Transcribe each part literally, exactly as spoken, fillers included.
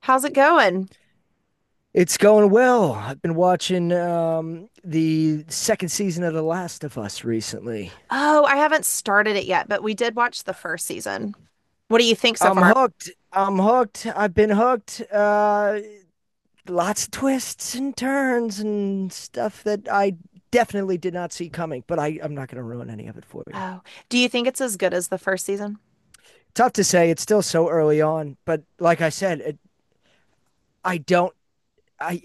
How's it going? It's going well. I've been watching um, the second season of The Last of Us recently. Oh, I haven't started it yet, but we did watch the first season. What do you think so I'm far? hooked. I'm hooked. I've been hooked. Uh, lots of twists and turns and stuff that I definitely did not see coming, but I, I'm not going to ruin any of it for you. Oh, do you think it's as good as the first season? Tough to say. It's still so early on, but like I said, it, I don't. I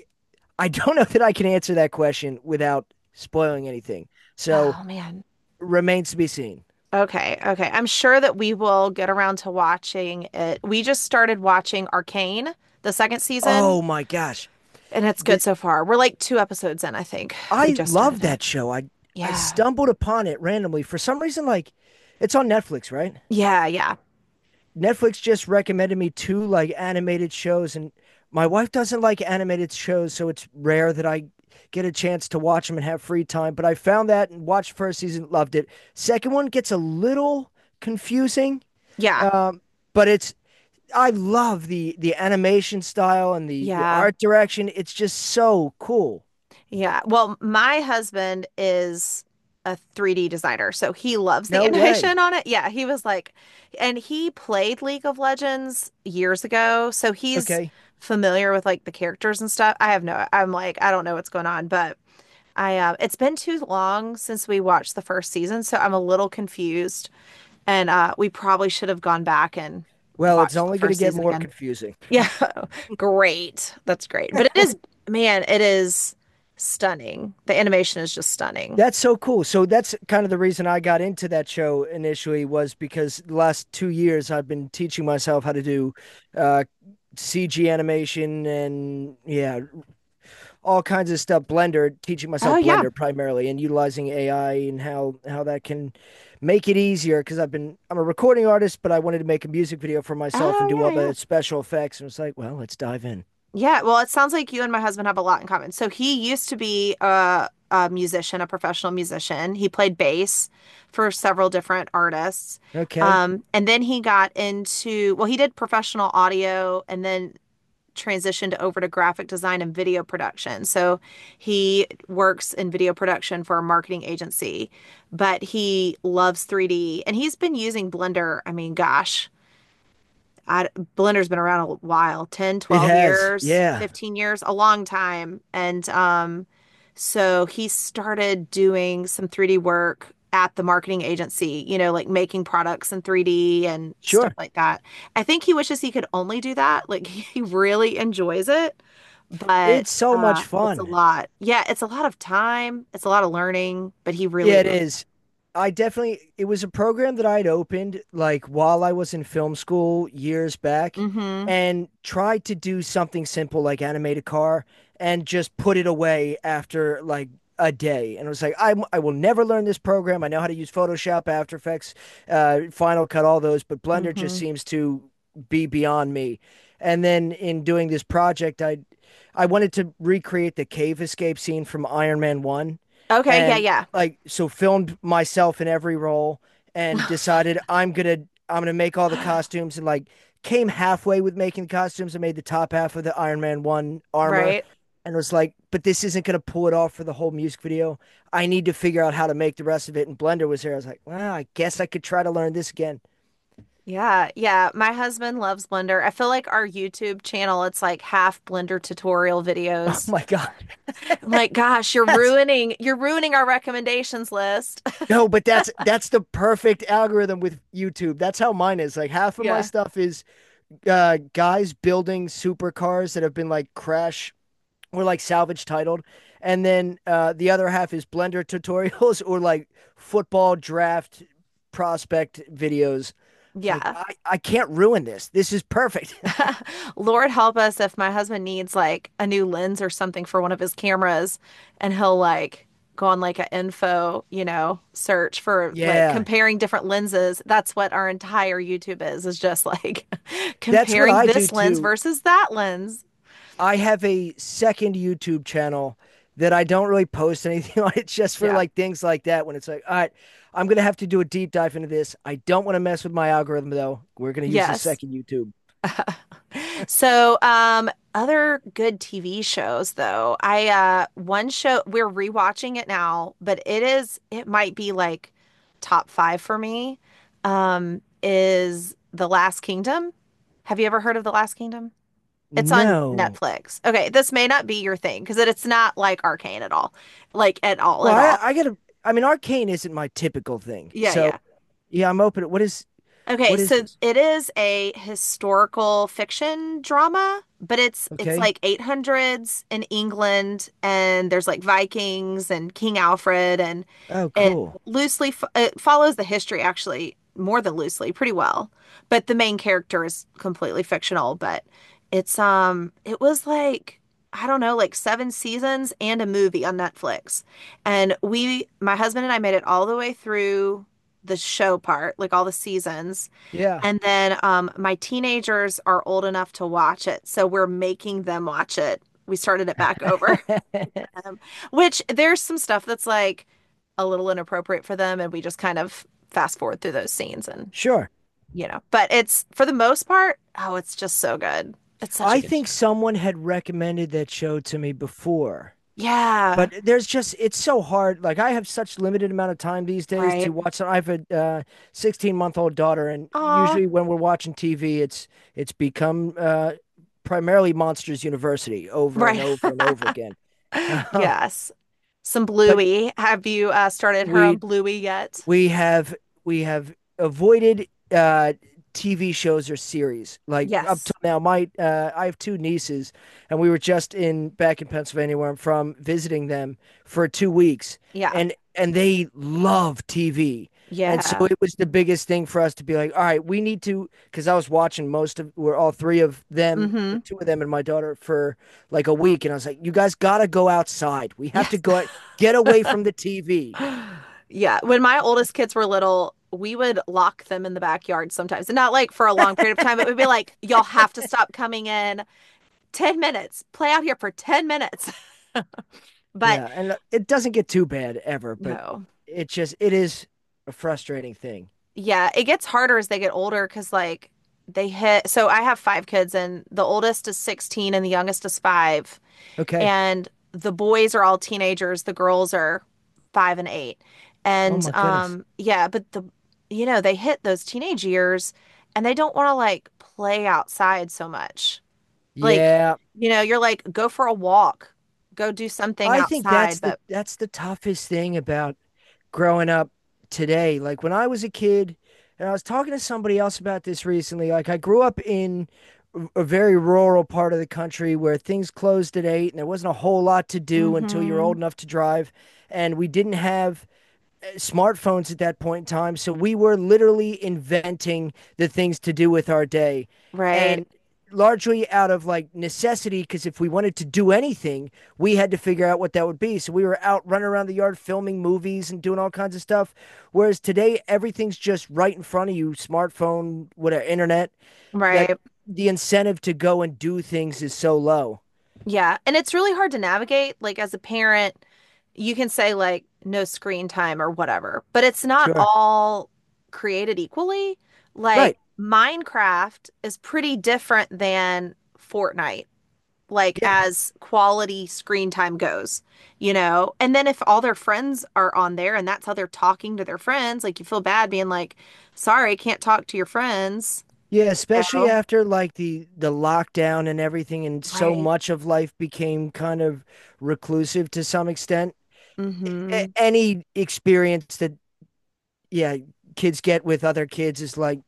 I don't know that I can answer that question without spoiling anything. So Oh, man. remains to be seen. Okay, okay. I'm sure that we will get around to watching it. We just started watching Arcane, the second season, Oh my gosh. and it's good Th- so far. We're like two episodes in, I think. We I just started love it. that show. I I Yeah. stumbled upon it randomly for some reason. Like, it's on Netflix, right? Yeah, yeah. Netflix just recommended me two like animated shows, and my wife doesn't like animated shows, so it's rare that I get a chance to watch them and have free time. But I found that and watched first season, loved it. Second one gets a little confusing, Yeah. um, but it's I love the the animation style and the the Yeah. art direction. It's just so cool. Yeah. Well, my husband is a three D designer, so he loves the No animation way. on it. Yeah, he was like, and he played League of Legends years ago, so he's Okay. familiar with like the characters and stuff. I have no, I'm like, I don't know what's going on, but I, uh, it's been too long since we watched the first season, so I'm a little confused, and uh, we probably should have gone back and Well, it's watched the only going to first get season more again. confusing. Yeah, great. That's great. But it is, man, it is stunning. The animation is just stunning. That's so cool. So that's kind of the reason I got into that show initially was because the last two years I've been teaching myself how to do uh, C G animation and yeah, all kinds of stuff. Blender, teaching Oh myself yeah. Blender primarily, and utilizing A I and how how that can make it easier. Because I've been I'm a recording artist, but I wanted to make a music video for myself and do Oh yeah, all yeah. the special effects. And it's like, well, let's dive in. Yeah, well, it sounds like you and my husband have a lot in common. So he used to be a, a musician, a professional musician. He played bass for several different artists. Okay, Um, and then he got into, well, he did professional audio and then transitioned over to graphic design and video production. So he works in video production for a marketing agency, but he loves three D and he's been using Blender, I mean, gosh, I, Blender's been around a while, ten, it twelve has. years, Yeah, fifteen years, a long time. And um, so he started doing some three D work at the marketing agency, you know, like making products in three D and stuff sure. like that. I think he wishes he could only do that. Like he really enjoys it, It's but so uh, much it's a fun. lot. Yeah, it's a lot of time. It's a lot of learning, but he really Yeah, it loves is. I definitely, it was a program that I'd opened like while I was in film school years it. back Mm-hmm. and tried to do something simple like animate a car and just put it away after like a day. And it was like, I, I will never learn this program. I know how to use Photoshop, After Effects, uh, Final Cut, all those, but Blender just Mm-hmm. seems to be beyond me. And then in doing this project, I I wanted to recreate the cave escape scene from Iron Man one Okay, yeah, and yeah. like so filmed myself in every role and Fun. decided I'm gonna I'm gonna make all the costumes and like came halfway with making the costumes and made the top half of the Iron Man one armor Right. and was like, but this isn't gonna pull it off for the whole music video. I need to figure out how to make the rest of it. And Blender was there. I was like, well, I guess I could try to learn this again. Yeah, yeah. My husband loves Blender. I feel like our YouTube channel, it's like half Blender tutorial Oh videos. my god, I'm like, gosh, you're that's ruining you're ruining our recommendations list. no, but that's that's the perfect algorithm with YouTube. That's how mine is. Like half of my Yeah. stuff is uh, guys building supercars that have been like crash or like salvage titled and then uh, the other half is blender tutorials or like football draft prospect videos it's like Yeah. i, I can't ruin this this is perfect. Lord help us if my husband needs like a new lens or something for one of his cameras and he'll like go on like an info, you know, search for like Yeah, comparing different lenses. That's what our entire YouTube is, is just like that's what comparing I do this lens too. versus that lens. I have a second youtube channel that I don't really post anything on. It's just for Yeah. like things like that when it's like all right I'm gonna have to do a deep dive into this. I don't want to mess with my algorithm though. We're gonna use the Yes. second youtube. So, um, other good T V shows though. I uh one show we're rewatching it now, but it is it might be like top five for me. Um, is The Last Kingdom. Have you ever heard of The Last Kingdom? It's on No. Netflix. Okay, this may not be your thing because it's not like Arcane at all. Like at all, Well, at all. I, I gotta. I mean, arcane isn't my typical thing. Yeah, So yeah. yeah, I'm open. What is Okay, what is so this? it is a historical fiction drama, but it's it's Okay. like eight hundreds in England and there's like Vikings and King Alfred and Oh, it cool. loosely fo it follows the history actually more than loosely, pretty well. But the main character is completely fictional, but it's um it was like I don't know, like seven seasons and a movie on Netflix. And we, my husband and I made it all the way through the show part, like all the seasons. Yeah. And then um, my teenagers are old enough to watch it, so we're making them watch it. We started it back over, um, which there's some stuff that's like a little inappropriate for them, and we just kind of fast forward through those scenes and Sure. you know, but it's for the most part, oh, it's just so good. It's such a I good show. think someone had recommended that show to me before, Yeah, but there's just it's so hard. Like I have such limited amount of time these days to right. watch. I have a uh, sixteen month old daughter, and Aw, usually when we're watching T V, it's it's become uh, primarily Monsters University over and right. over and over again. Um, Yes. Some but Bluey. Have you uh, started her on we Bluey yet? we have we have avoided uh T V shows or series. Like up till Yes. now, my uh, I have two nieces, and we were just in back in Pennsylvania where I'm from, visiting them for two weeks, Yeah. and and they love T V, and so Yeah. it was the biggest thing for us to be like, all right, we need to, because I was watching most of, we're all three of them, Mm-hmm. the two of them and my daughter for like a week, and I was like, you guys gotta go outside. We have to Yes. go get away from the T V. Yeah, when my oldest kids were little, we would lock them in the backyard sometimes, and not like for a long period of time, but we'd be like, y'all have to stop coming in ten minutes, play out here for ten minutes. But Yeah, and uh, it doesn't get too bad ever, but no, it just it is a frustrating thing. yeah, it gets harder as they get older because like they hit. So I have five kids, and the oldest is sixteen and the youngest is five. Okay. and the boys are all teenagers, the girls are five and eight. Oh And my goodness. um yeah, but the you know, they hit those teenage years and they don't want to like play outside so much. Like, Yeah, you know, you're like go for a walk, go do something I think that's outside, the but that's the toughest thing about growing up today. Like when I was a kid, and I was talking to somebody else about this recently. Like I grew up in a very rural part of the country where things closed at eight and there wasn't a whole lot to do until you're mm-hmm. old enough to drive. And we didn't have smartphones at that point in time. So we were literally inventing the things to do with our day. Right. And largely out of like necessity, because if we wanted to do anything, we had to figure out what that would be. So we were out running around the yard filming movies and doing all kinds of stuff. Whereas today, everything's just right in front of you smartphone, whatever, internet that Right. the incentive to go and do things is so low. Yeah, and it's really hard to navigate. Like as a parent, you can say like no screen time or whatever, but it's not Sure. all created equally. Like Right. Minecraft is pretty different than Fortnite, like Yeah. as quality screen time goes, you know? And then if all their friends are on there and that's how they're talking to their friends, like you feel bad being like, sorry, can't talk to your friends, Yeah, you especially know? after like the the lockdown and everything, and so Right. much of life became kind of reclusive to some extent. Mm-hmm. A- any experience that yeah, kids get with other kids is like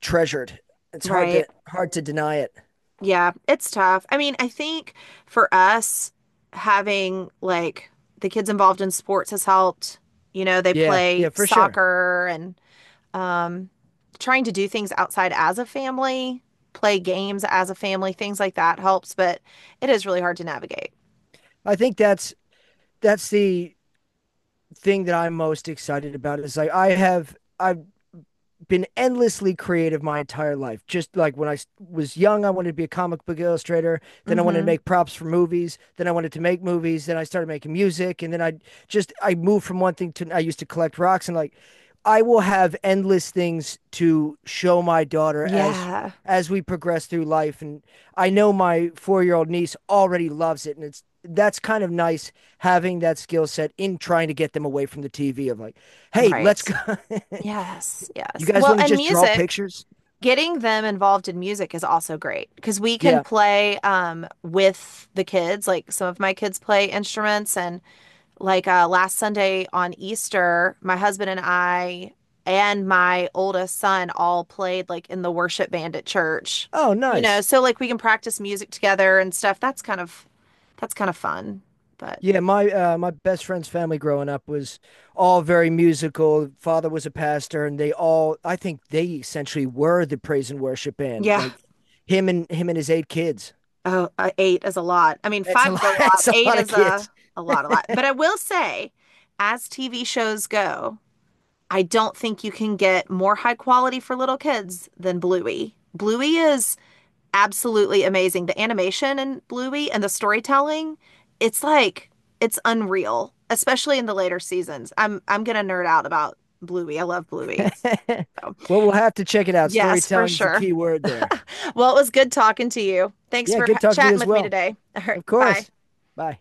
treasured. It's hard to Right. hard to deny it. Yeah, it's tough. I mean, I think for us, having like the kids involved in sports has helped. You know, they Yeah, play yeah, for sure. soccer and um, trying to do things outside as a family, play games as a family, things like that helps, but it is really hard to navigate. I think that's that's the thing that I'm most excited about is like I have I been endlessly creative my entire life. Just like when I was young, I wanted to be a comic book illustrator. Then I wanted to Hmm. make props for movies. Then I wanted to make movies. Then I started making music. And then I just, I moved from one thing to, I used to collect rocks and like, I will have endless things to show my daughter as, Yeah, as we progress through life. And I know my four year old niece already loves it. And it's, that's kind of nice having that skill set in trying to get them away from the T V of like, hey, let's right. go. Yes, You yes. guys Well, want to and just draw music. pictures? Getting them involved in music is also great because we can Yeah. play um, with the kids. Like some of my kids play instruments, and like uh, last Sunday on Easter, my husband and I and my oldest son all played like in the worship band at church. Oh, You know, nice. so like we can practice music together and stuff. That's kind of that's kind of fun. But Yeah, my uh, my best friend's family growing up was all very musical. Father was a pastor, and they all I think they essentially were the praise and worship band. yeah, Like him and him and his eight kids. oh, uh, eight is a lot. I mean, That's five a lot. is a lot. That's a Eight lot of is a kids. a lot, a lot. But I will say, as T V shows go, I don't think you can get more high quality for little kids than Bluey. Bluey is absolutely amazing. The animation in Bluey and the storytelling, it's like it's unreal, especially in the later seasons. I'm I'm gonna nerd out about Bluey. I love Bluey. Well, So, we'll have to check it out. yes, for Storytelling is the sure. key word there. Well, it was good talking to you. Thanks Yeah, for good talking to you chatting as with me well. today. All right, Of bye. course. Bye.